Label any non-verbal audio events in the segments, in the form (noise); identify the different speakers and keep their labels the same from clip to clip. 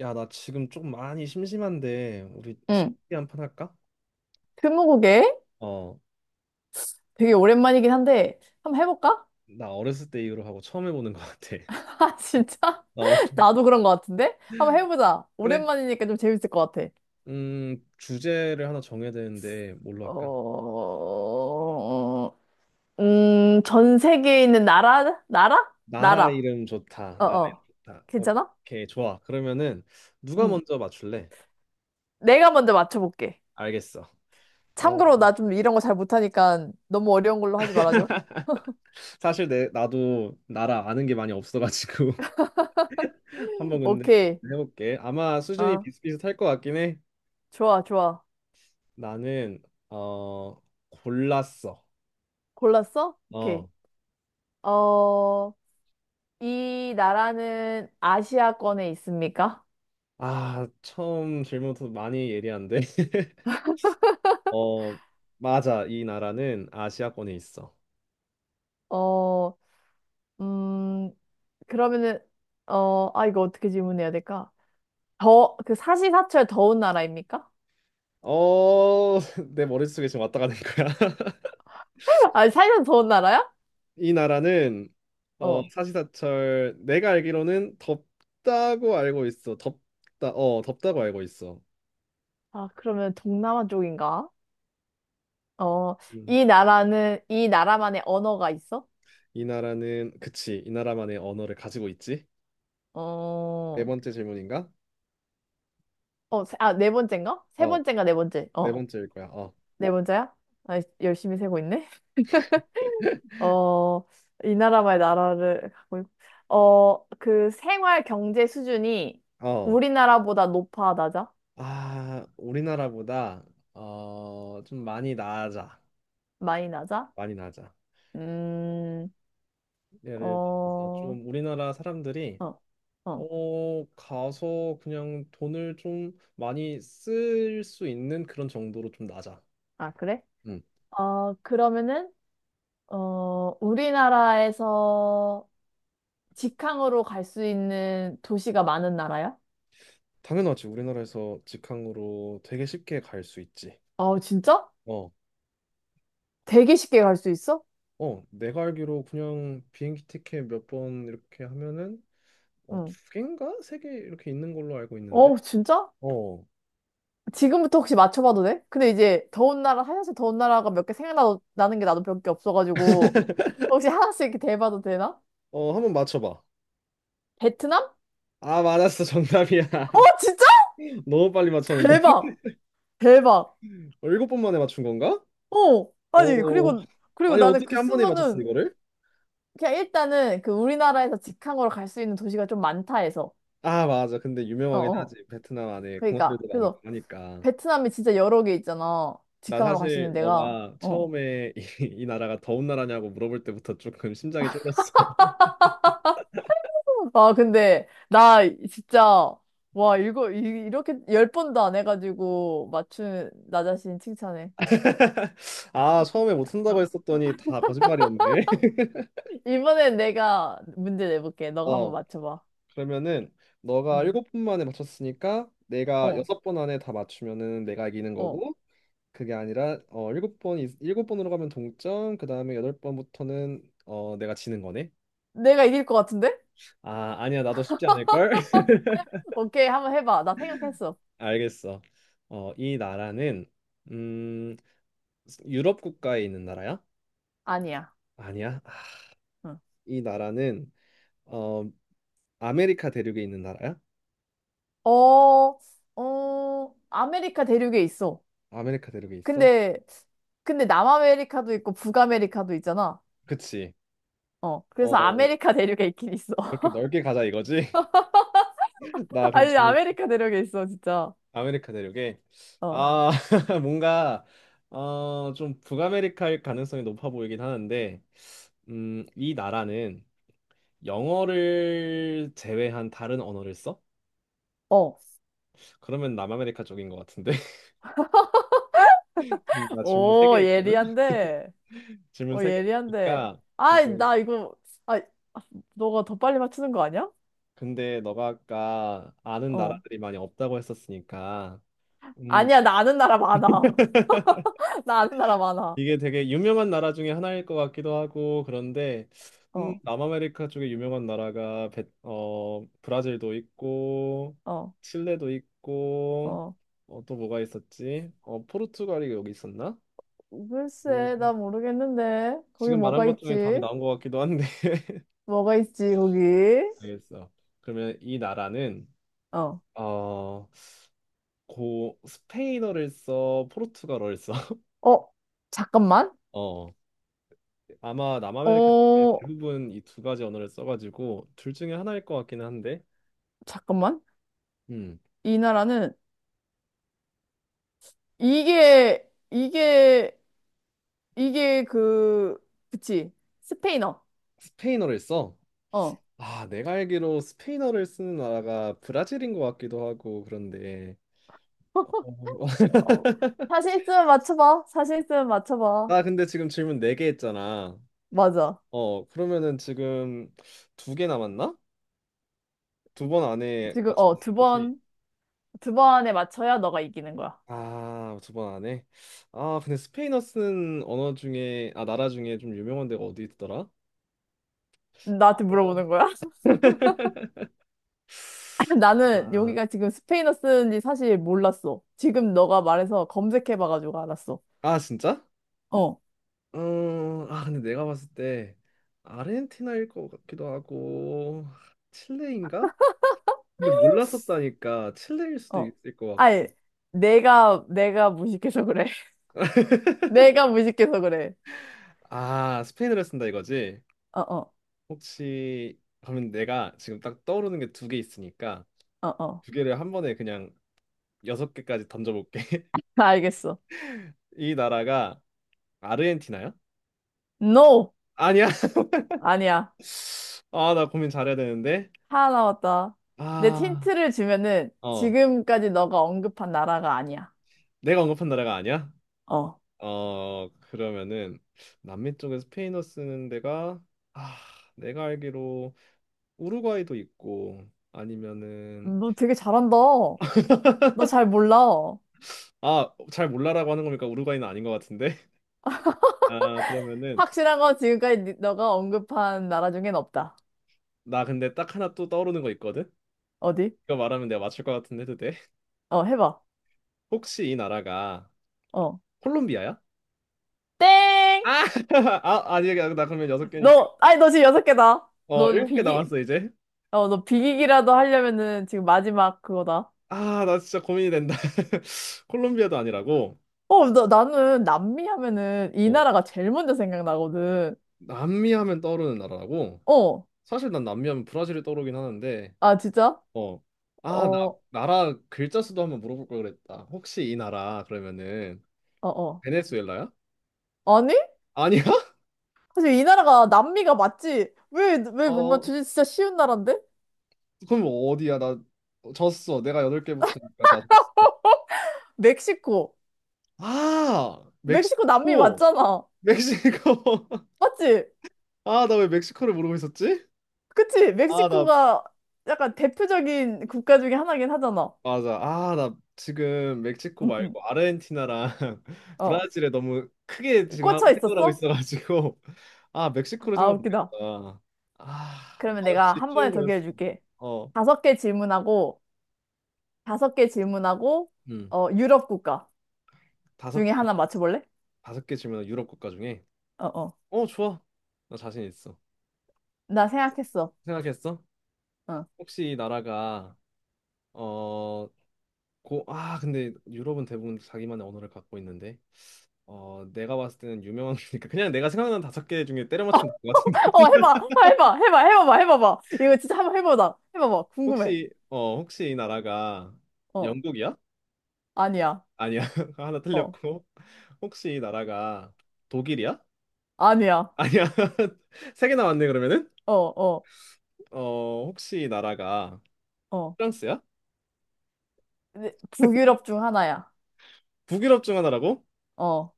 Speaker 1: 야, 나 지금 좀 많이 심심한데 우리
Speaker 2: 응.
Speaker 1: 스무고개 한판 할까?
Speaker 2: 스무고개?
Speaker 1: 어,
Speaker 2: 되게 오랜만이긴 한데, 한번 해볼까?
Speaker 1: 나 어렸을 때 이후로 하고 처음 해보는 것 같아.
Speaker 2: (laughs)
Speaker 1: (laughs)
Speaker 2: 아, 진짜?
Speaker 1: 어,
Speaker 2: (laughs) 나도 그런 것 같은데? 한번 해보자.
Speaker 1: 그래.
Speaker 2: 오랜만이니까 좀 재밌을 것 같아.
Speaker 1: 주제를 하나 정해야 되는데 뭘로 할까?
Speaker 2: 어, 전 세계에 있는 나라? 나라?
Speaker 1: 나라
Speaker 2: 나라.
Speaker 1: 이름 좋다. 나라 이름
Speaker 2: 어어.
Speaker 1: 좋다.
Speaker 2: 괜찮아?
Speaker 1: 오케이, 좋아. 그러면은 누가
Speaker 2: 응.
Speaker 1: 먼저 맞출래?
Speaker 2: 내가 먼저 맞춰볼게.
Speaker 1: 알겠어. 어,
Speaker 2: 참고로 나 좀 이런 거 잘 못하니까 너무 어려운 걸로 하지 말아줘.
Speaker 1: 사실 내 나도 나라 아는 게 많이 없어가지고 (laughs) 한번 근데
Speaker 2: 오케이.
Speaker 1: 해볼게. 아마 수준이
Speaker 2: 어,
Speaker 1: 비슷비슷할 것 같긴 해.
Speaker 2: 좋아, 좋아.
Speaker 1: 나는 어 골랐어.
Speaker 2: 골랐어? 오케이.
Speaker 1: 어.
Speaker 2: 어, 이 나라는 아시아권에 있습니까?
Speaker 1: 아, 처음 질문부터 많이 예리한데. (laughs) 어, 맞아. 이 나라는 아시아권에 있어.
Speaker 2: 어, 음, 그러면은, 이거 어떻게 질문해야 될까? 그 사시사철 더운 나라입니까?
Speaker 1: 어, (laughs) 내 머릿속에 지금 왔다 가는 거야. (laughs)
Speaker 2: (laughs) 아, 사시사철 더운 나라야?
Speaker 1: 이 나라는 어,
Speaker 2: 어.
Speaker 1: 사시사철 내가 알기로는 덥다고 알고 있어. 덥다. 어, 덥다고 알고 있어.
Speaker 2: 아, 그러면 동남아 쪽인가? 어,
Speaker 1: 음.
Speaker 2: 이 나라만의 언어가 있어?
Speaker 1: 이 나라는 그치. 이 나라만의 언어를 가지고 있지. 네
Speaker 2: 어,
Speaker 1: 번째 질문인가?
Speaker 2: 네 번째인가? 세
Speaker 1: 어,
Speaker 2: 번째인가, 네 번째.
Speaker 1: 네
Speaker 2: 어,
Speaker 1: 번째일 거야. 어.
Speaker 2: 네 번째야? 아, 열심히 세고 있네. 어, 이 나라만의 나라를 갖고 있고, 그 생활 경제 수준이
Speaker 1: 어.
Speaker 2: 우리나라보다 높아, 낮아?
Speaker 1: 아, 우리나라보다 어, 좀 많이 나아져.
Speaker 2: 많이 낮아?
Speaker 1: 많이 낮아.
Speaker 2: 음,
Speaker 1: 예를 들어서
Speaker 2: 어,
Speaker 1: 좀 우리나라 사람들이
Speaker 2: 어, 어.
Speaker 1: 어 가서 그냥 돈을 좀 많이 쓸 수 있는 그런 정도로 좀 낮아.
Speaker 2: 아, 그래?
Speaker 1: 음.
Speaker 2: 그러면은, 우리나라에서 직항으로 갈 수 있는 도시가 많은 나라야?
Speaker 1: 당연하지. 우리나라에서 직항으로 되게 쉽게 갈 수 있지.
Speaker 2: 어, 진짜?
Speaker 1: 어.
Speaker 2: 되게 쉽게 갈 수 있어?
Speaker 1: 어, 내가 알기로 그냥 비행기 티켓 몇 번 이렇게 하면은 어, 두
Speaker 2: 응.
Speaker 1: 개인가? 3개 이렇게 있는 걸로 알고 있는데.
Speaker 2: 어, 진짜?
Speaker 1: 어.
Speaker 2: 지금부터 혹시 맞춰봐도 돼? 근데 이제 더운 나라, 하얀색 더운 나라가 몇 개 생각나는 게 나도 몇 개 없어가지고 혹시 하나씩 이렇게 대봐도 되나?
Speaker 1: 어, 한번 맞춰 봐.
Speaker 2: 베트남?
Speaker 1: 아, 맞았어. 정답이야.
Speaker 2: 어,
Speaker 1: (laughs)
Speaker 2: 진짜?
Speaker 1: 너무 빨리
Speaker 2: (laughs)
Speaker 1: 맞췄는데. (laughs)
Speaker 2: 대박! 대박!
Speaker 1: 어, 7번 만에 맞춘 건가?
Speaker 2: 어! 아니,
Speaker 1: 오,
Speaker 2: 그리고
Speaker 1: 아니
Speaker 2: 나는
Speaker 1: 어떻게
Speaker 2: 그
Speaker 1: 한 번에 맞췄어
Speaker 2: 수많은,
Speaker 1: 이거를?
Speaker 2: 그냥 일단은 그 우리나라에서 직항으로 갈 수 있는 도시가 좀 많다 해서.
Speaker 1: 아, 맞아. 근데
Speaker 2: 어,
Speaker 1: 유명하긴
Speaker 2: 어.
Speaker 1: 하지. 베트남 안에
Speaker 2: 그러니까.
Speaker 1: 공항들도 많고
Speaker 2: 그래서
Speaker 1: 하니까
Speaker 2: 베트남이 진짜 여러 개 있잖아.
Speaker 1: 나
Speaker 2: 직항으로 갈 수 있는
Speaker 1: 사실
Speaker 2: 데가.
Speaker 1: 너가
Speaker 2: 어.
Speaker 1: 처음에 (laughs) 이 나라가 더운 나라냐고 물어볼 때부터 조금 심장이 쫄렸어.
Speaker 2: 아, 근데, 나, 진짜, 와, 이렇게 열 번도 안 해가지고, 맞춘, 나 자신 칭찬해.
Speaker 1: (laughs) 아, 처음에 못한다고
Speaker 2: 어.
Speaker 1: 했었더니
Speaker 2: (laughs)
Speaker 1: 다 거짓말이었네. (laughs)
Speaker 2: 이번엔 내가 문제 내볼게. 너가 한번
Speaker 1: 어,
Speaker 2: 맞춰봐.
Speaker 1: 그러면은 너가
Speaker 2: 응.
Speaker 1: 7번 만에 맞췄으니까 내가
Speaker 2: 어,
Speaker 1: 6번 안에 다 맞추면은 내가 이기는
Speaker 2: 어.
Speaker 1: 거고, 그게 아니라 어 일곱 번 일곱 번으로 가면 동점, 그 다음에 여덟 번부터는 어 내가 지는 거네.
Speaker 2: 내가 이길 것 같은데?
Speaker 1: 아, 아니야. 나도 쉽지 않을걸? (laughs)
Speaker 2: 오케이, 한번 해봐. 나 생각했어.
Speaker 1: 알겠어. 어, 이 나라는 음, 유럽 국가에 있는 나라야?
Speaker 2: 아니야.
Speaker 1: 아니야. 아,
Speaker 2: 응.
Speaker 1: 이 나라는 어, 아메리카 대륙에 있는 나라야?
Speaker 2: 어, 아메리카 대륙에 있어.
Speaker 1: 아메리카 대륙에 있어?
Speaker 2: 근데, 근데 남아메리카도 있고 북아메리카도 있잖아.
Speaker 1: 그치.
Speaker 2: 어. 그래서
Speaker 1: 어,
Speaker 2: 아메리카 대륙에 있긴 있어.
Speaker 1: 그렇게
Speaker 2: (laughs)
Speaker 1: 넓게 가자 이거지? (laughs) 나 그럼
Speaker 2: 아니,
Speaker 1: 지금
Speaker 2: 아메리카 대륙에 있어, 진짜.
Speaker 1: 아메리카 대륙에.
Speaker 2: 어.
Speaker 1: 아, (laughs) 뭔가 어, 좀 북아메리카일 가능성이 높아 보이긴 하는데 이 나라는 영어를 제외한 다른 언어를 써?
Speaker 2: 어.
Speaker 1: 그러면 남아메리카 쪽인 것 같은데. (laughs) 나 질문 3개
Speaker 2: 오,
Speaker 1: 했거든. (laughs)
Speaker 2: 예리한데.
Speaker 1: 질문 세 개
Speaker 2: 예리한데.
Speaker 1: 했으니까
Speaker 2: 아이,
Speaker 1: 지금,
Speaker 2: 아, 너가 더 빨리 맞추는 거 아니야?
Speaker 1: 근데 너가 아까 아는
Speaker 2: 어.
Speaker 1: 나라들이 많이 없다고 했었으니까 음
Speaker 2: 아니야, 나 아는 나라 많아. (laughs) 나 아는 나라 많아.
Speaker 1: 이게 되게 유명한 나라 중에 하나일 것 같기도 하고 그런데
Speaker 2: 어,
Speaker 1: 남아메리카 쪽에 유명한 나라가 베, 어 브라질도 있고
Speaker 2: 어,
Speaker 1: 칠레도 있고
Speaker 2: 어.
Speaker 1: 어, 또 뭐가 있었지? 어 포르투갈이 여기 있었나? 음,
Speaker 2: 글쎄, 나 모르겠는데. 거기
Speaker 1: 지금 말한
Speaker 2: 뭐가
Speaker 1: 것 중에 답이
Speaker 2: 있지?
Speaker 1: 나온 것 같기도 한데.
Speaker 2: 뭐가 있지, 거기?
Speaker 1: 알겠어. 그러면 이 나라는
Speaker 2: 어.
Speaker 1: 어, 고 스페인어를 써, 포르투갈어를 써. (laughs)
Speaker 2: 어, 잠깐만.
Speaker 1: 어. 아마 남아메리카 쪽에
Speaker 2: 어,
Speaker 1: 대부분 이 2가지 언어를 써가지고 둘 중에 하나일 것 같기는 한데.
Speaker 2: 잠깐만.
Speaker 1: 음.
Speaker 2: 이 나라는, 이게, 이게, 이게 그치. 스페인어.
Speaker 1: 스페인어를 써.
Speaker 2: 어.
Speaker 1: 아, 내가 알기로 스페인어를 쓰는 나라가 브라질인 것 같기도 하고 그런데. 어, (laughs)
Speaker 2: 어, 자신 있으면 맞춰봐. 자신 있으면 맞춰봐.
Speaker 1: 나 근데 지금 질문 4개 했잖아.
Speaker 2: 맞아.
Speaker 1: 어, 그러면은 지금 2개 남았나? 2번 안에
Speaker 2: 지금, 어,
Speaker 1: 맞추면
Speaker 2: 두
Speaker 1: 되는 거지?
Speaker 2: 번, 두 번에 맞춰야 너가 이기는 거야.
Speaker 1: 아, 2번 안 해? 아, 근데 스페인어 쓰는 언어 중에, 아, 나라 중에 좀 유명한 데가 어디 있더라?
Speaker 2: 나한테
Speaker 1: 어.
Speaker 2: 물어보는 거야? (laughs) 나는
Speaker 1: 아,
Speaker 2: 여기가 지금 스페인어 쓰는지 사실 몰랐어. 지금 너가 말해서 검색해봐가지고 알았어.
Speaker 1: 아, 진짜?
Speaker 2: 어,
Speaker 1: 아, 근데 내가 봤을 때 아르헨티나일 것 같기도 하고, 칠레인가? 근데 몰랐었다니까, 칠레일 수도
Speaker 2: 어.
Speaker 1: 있을 것 같고.
Speaker 2: 아니, 내가 무식해서 그래. (laughs) 내가 무식해서 그래.
Speaker 1: 아, 스페인어를 쓴다 이거지?
Speaker 2: 어, 어,
Speaker 1: 혹시, 그러면 내가 지금 딱 떠오르는 게 2개 있으니까,
Speaker 2: 어, 어.
Speaker 1: 2개를 한 번에 그냥 여섯 개까지 던져볼게. (laughs)
Speaker 2: 나 알겠어.
Speaker 1: 이 나라가 아르헨티나요?
Speaker 2: No!
Speaker 1: 아니야. (laughs)
Speaker 2: 아니야.
Speaker 1: 아, 나 고민 잘해야 되는데.
Speaker 2: 하나 남았다. 내
Speaker 1: 아,
Speaker 2: 힌트를 주면은
Speaker 1: 어,
Speaker 2: 지금까지 너가 언급한 나라가 아니야.
Speaker 1: 내가 언급한 나라가 아니야?
Speaker 2: 어.
Speaker 1: 어, 그러면은 남미 쪽에 스페인어 쓰는 데가, 아, 내가 알기로 우루과이도 있고 아니면은,
Speaker 2: 너 되게 잘한다. 너 잘 몰라.
Speaker 1: 아, 잘 몰라라고 하는 거니까 우루과이는 아닌 것 같은데. (laughs) 아, 그러면은
Speaker 2: 확실한 건 지금까지 너가 언급한 나라 중엔 없다.
Speaker 1: 나 근데 딱 하나 또 떠오르는 거 있거든.
Speaker 2: 어디?
Speaker 1: 이거 말하면 내가 맞출 것 같은데 해도 돼? (laughs)
Speaker 2: 해봐.
Speaker 1: 혹시 이 나라가
Speaker 2: 어.
Speaker 1: 콜롬비아야?
Speaker 2: 땡!
Speaker 1: 아, (laughs) 아, 아니, 나 그러면 여섯 개니까
Speaker 2: 너, 아니, 너 지금 여섯 개다.
Speaker 1: 어,
Speaker 2: 너 지금
Speaker 1: 7개
Speaker 2: 비기,
Speaker 1: 남았어 이제.
Speaker 2: 너 비기기라도 하려면은 지금 마지막 그거다.
Speaker 1: 아, 나 진짜 고민이 된다. (laughs) 콜롬비아도 아니라고,
Speaker 2: 나는 남미 하면은 이
Speaker 1: 어,
Speaker 2: 나라가 제일 먼저 생각나거든.
Speaker 1: 남미 하면 떠오르는 나라라고.
Speaker 2: 어.
Speaker 1: 사실 난 남미 하면 브라질이 떠오르긴 하는데,
Speaker 2: 아, 진짜?
Speaker 1: 어, 아, 나
Speaker 2: 어,
Speaker 1: 나라 글자 수도 한번 물어볼 걸 그랬다. 혹시 이 나라 그러면은
Speaker 2: 어, 어.
Speaker 1: 베네수엘라야?
Speaker 2: 아니?
Speaker 1: 아니야? (laughs)
Speaker 2: 사실 이 나라가 남미가 맞지? 왜 못
Speaker 1: 어,
Speaker 2: 맞추지? 진짜 쉬운 나라인데?
Speaker 1: 그럼 어디야? 나 졌어. 내가 여덟 개부터니까 다 졌어.
Speaker 2: 멕시코.
Speaker 1: 아,
Speaker 2: 멕시코 남미
Speaker 1: 멕시코,
Speaker 2: 맞잖아.
Speaker 1: 멕시코. (laughs)
Speaker 2: 맞지?
Speaker 1: 아, 나 왜 멕시코를 모르고 있었지?
Speaker 2: 그치?
Speaker 1: 아, 나
Speaker 2: 멕시코가 약간 대표적인 국가 중에 하나긴 하잖아.
Speaker 1: 맞아. 아, 나 지금 멕시코
Speaker 2: 응, 응.
Speaker 1: 말고 아르헨티나랑 (laughs)
Speaker 2: 어.
Speaker 1: 브라질에 너무 크게 지금
Speaker 2: 꽂혀
Speaker 1: 생각을 하고
Speaker 2: 있었어?
Speaker 1: 있어가지고 (laughs) 아, 멕시코를
Speaker 2: 아,
Speaker 1: 생각 못했다.
Speaker 2: 웃기다.
Speaker 1: 아, 아,
Speaker 2: 그러면 내가
Speaker 1: 역시
Speaker 2: 한 번에
Speaker 1: 쉬운
Speaker 2: 더
Speaker 1: 거였어.
Speaker 2: 기회 줄게.
Speaker 1: 어,
Speaker 2: 다섯 개 질문하고, 다섯 개 질문하고,
Speaker 1: 음,
Speaker 2: 유럽 국가
Speaker 1: 다섯
Speaker 2: 중에
Speaker 1: 개,
Speaker 2: 하나 맞춰볼래?
Speaker 1: 5개 질문 유럽 국가 중에.
Speaker 2: 어, 어.
Speaker 1: 어, 좋아. 나 자신 있어.
Speaker 2: 나 생각했어.
Speaker 1: 생각했어?
Speaker 2: 어.
Speaker 1: 혹시 이 나라가 어, 고, 아, 근데 유럽은 대부분 자기만의 언어를 갖고 있는데 어, 내가 봤을 때는 유명한 거니까 그냥 내가 생각나는 5개 중에 때려 맞추면 될것.
Speaker 2: 어, 해봐. 아, 해봐. 해봐. 해봐봐. 해봐봐. 이거 진짜 한번 해보자. 해봐봐. 궁금해.
Speaker 1: 혹시 어 혹시 이 나라가
Speaker 2: 어.
Speaker 1: 영국이야?
Speaker 2: 아니야.
Speaker 1: 아니야. (laughs) 하나
Speaker 2: 어.
Speaker 1: 틀렸고. 혹시 이 나라가 독일이야?
Speaker 2: 아니야.
Speaker 1: 아니야. (laughs) 3개 남았네 그러면은
Speaker 2: 어, 어,
Speaker 1: 어 혹시 이 나라가
Speaker 2: 어.
Speaker 1: 프랑스야?
Speaker 2: 네, 북유럽 중 하나야.
Speaker 1: 북유럽 중 하나라고?
Speaker 2: 어.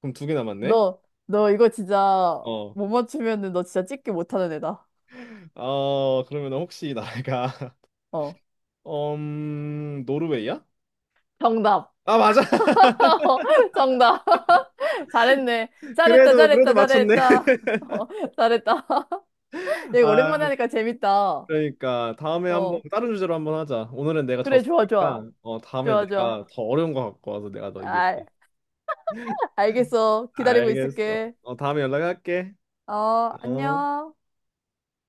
Speaker 1: 그럼 2개 남았네.
Speaker 2: 너, 너 이거 진짜
Speaker 1: 어어,
Speaker 2: 못 맞추면은 너 진짜 찍기 못하는 애다.
Speaker 1: 그러면 혹시 이 나라가 (laughs)
Speaker 2: 어.
Speaker 1: 노르웨이야?
Speaker 2: 정답.
Speaker 1: 아, 맞아. (laughs)
Speaker 2: (laughs) 정답. (laughs) 잘했네. 잘했다,
Speaker 1: 그래도
Speaker 2: 잘했다,
Speaker 1: 그래도 맞췄네.
Speaker 2: 잘했다. (laughs) 어, 잘했다. (laughs)
Speaker 1: (laughs)
Speaker 2: 이거 오랜만에
Speaker 1: 아,
Speaker 2: 하니까 재밌다.
Speaker 1: 그러니까 다음에 한번
Speaker 2: 어.
Speaker 1: 다른 주제로 한번 하자. 오늘은 내가
Speaker 2: 그래, 좋아, 좋아.
Speaker 1: 졌으니까 어 다음에
Speaker 2: 좋아, 좋아.
Speaker 1: 내가 더 어려운 거 갖고 와서 내가 너
Speaker 2: 알,
Speaker 1: 이길게.
Speaker 2: 알겠어. 기다리고
Speaker 1: 알겠어.
Speaker 2: 있을게.
Speaker 1: 어 다음에 연락할게.
Speaker 2: 어,
Speaker 1: 어.
Speaker 2: 안녕.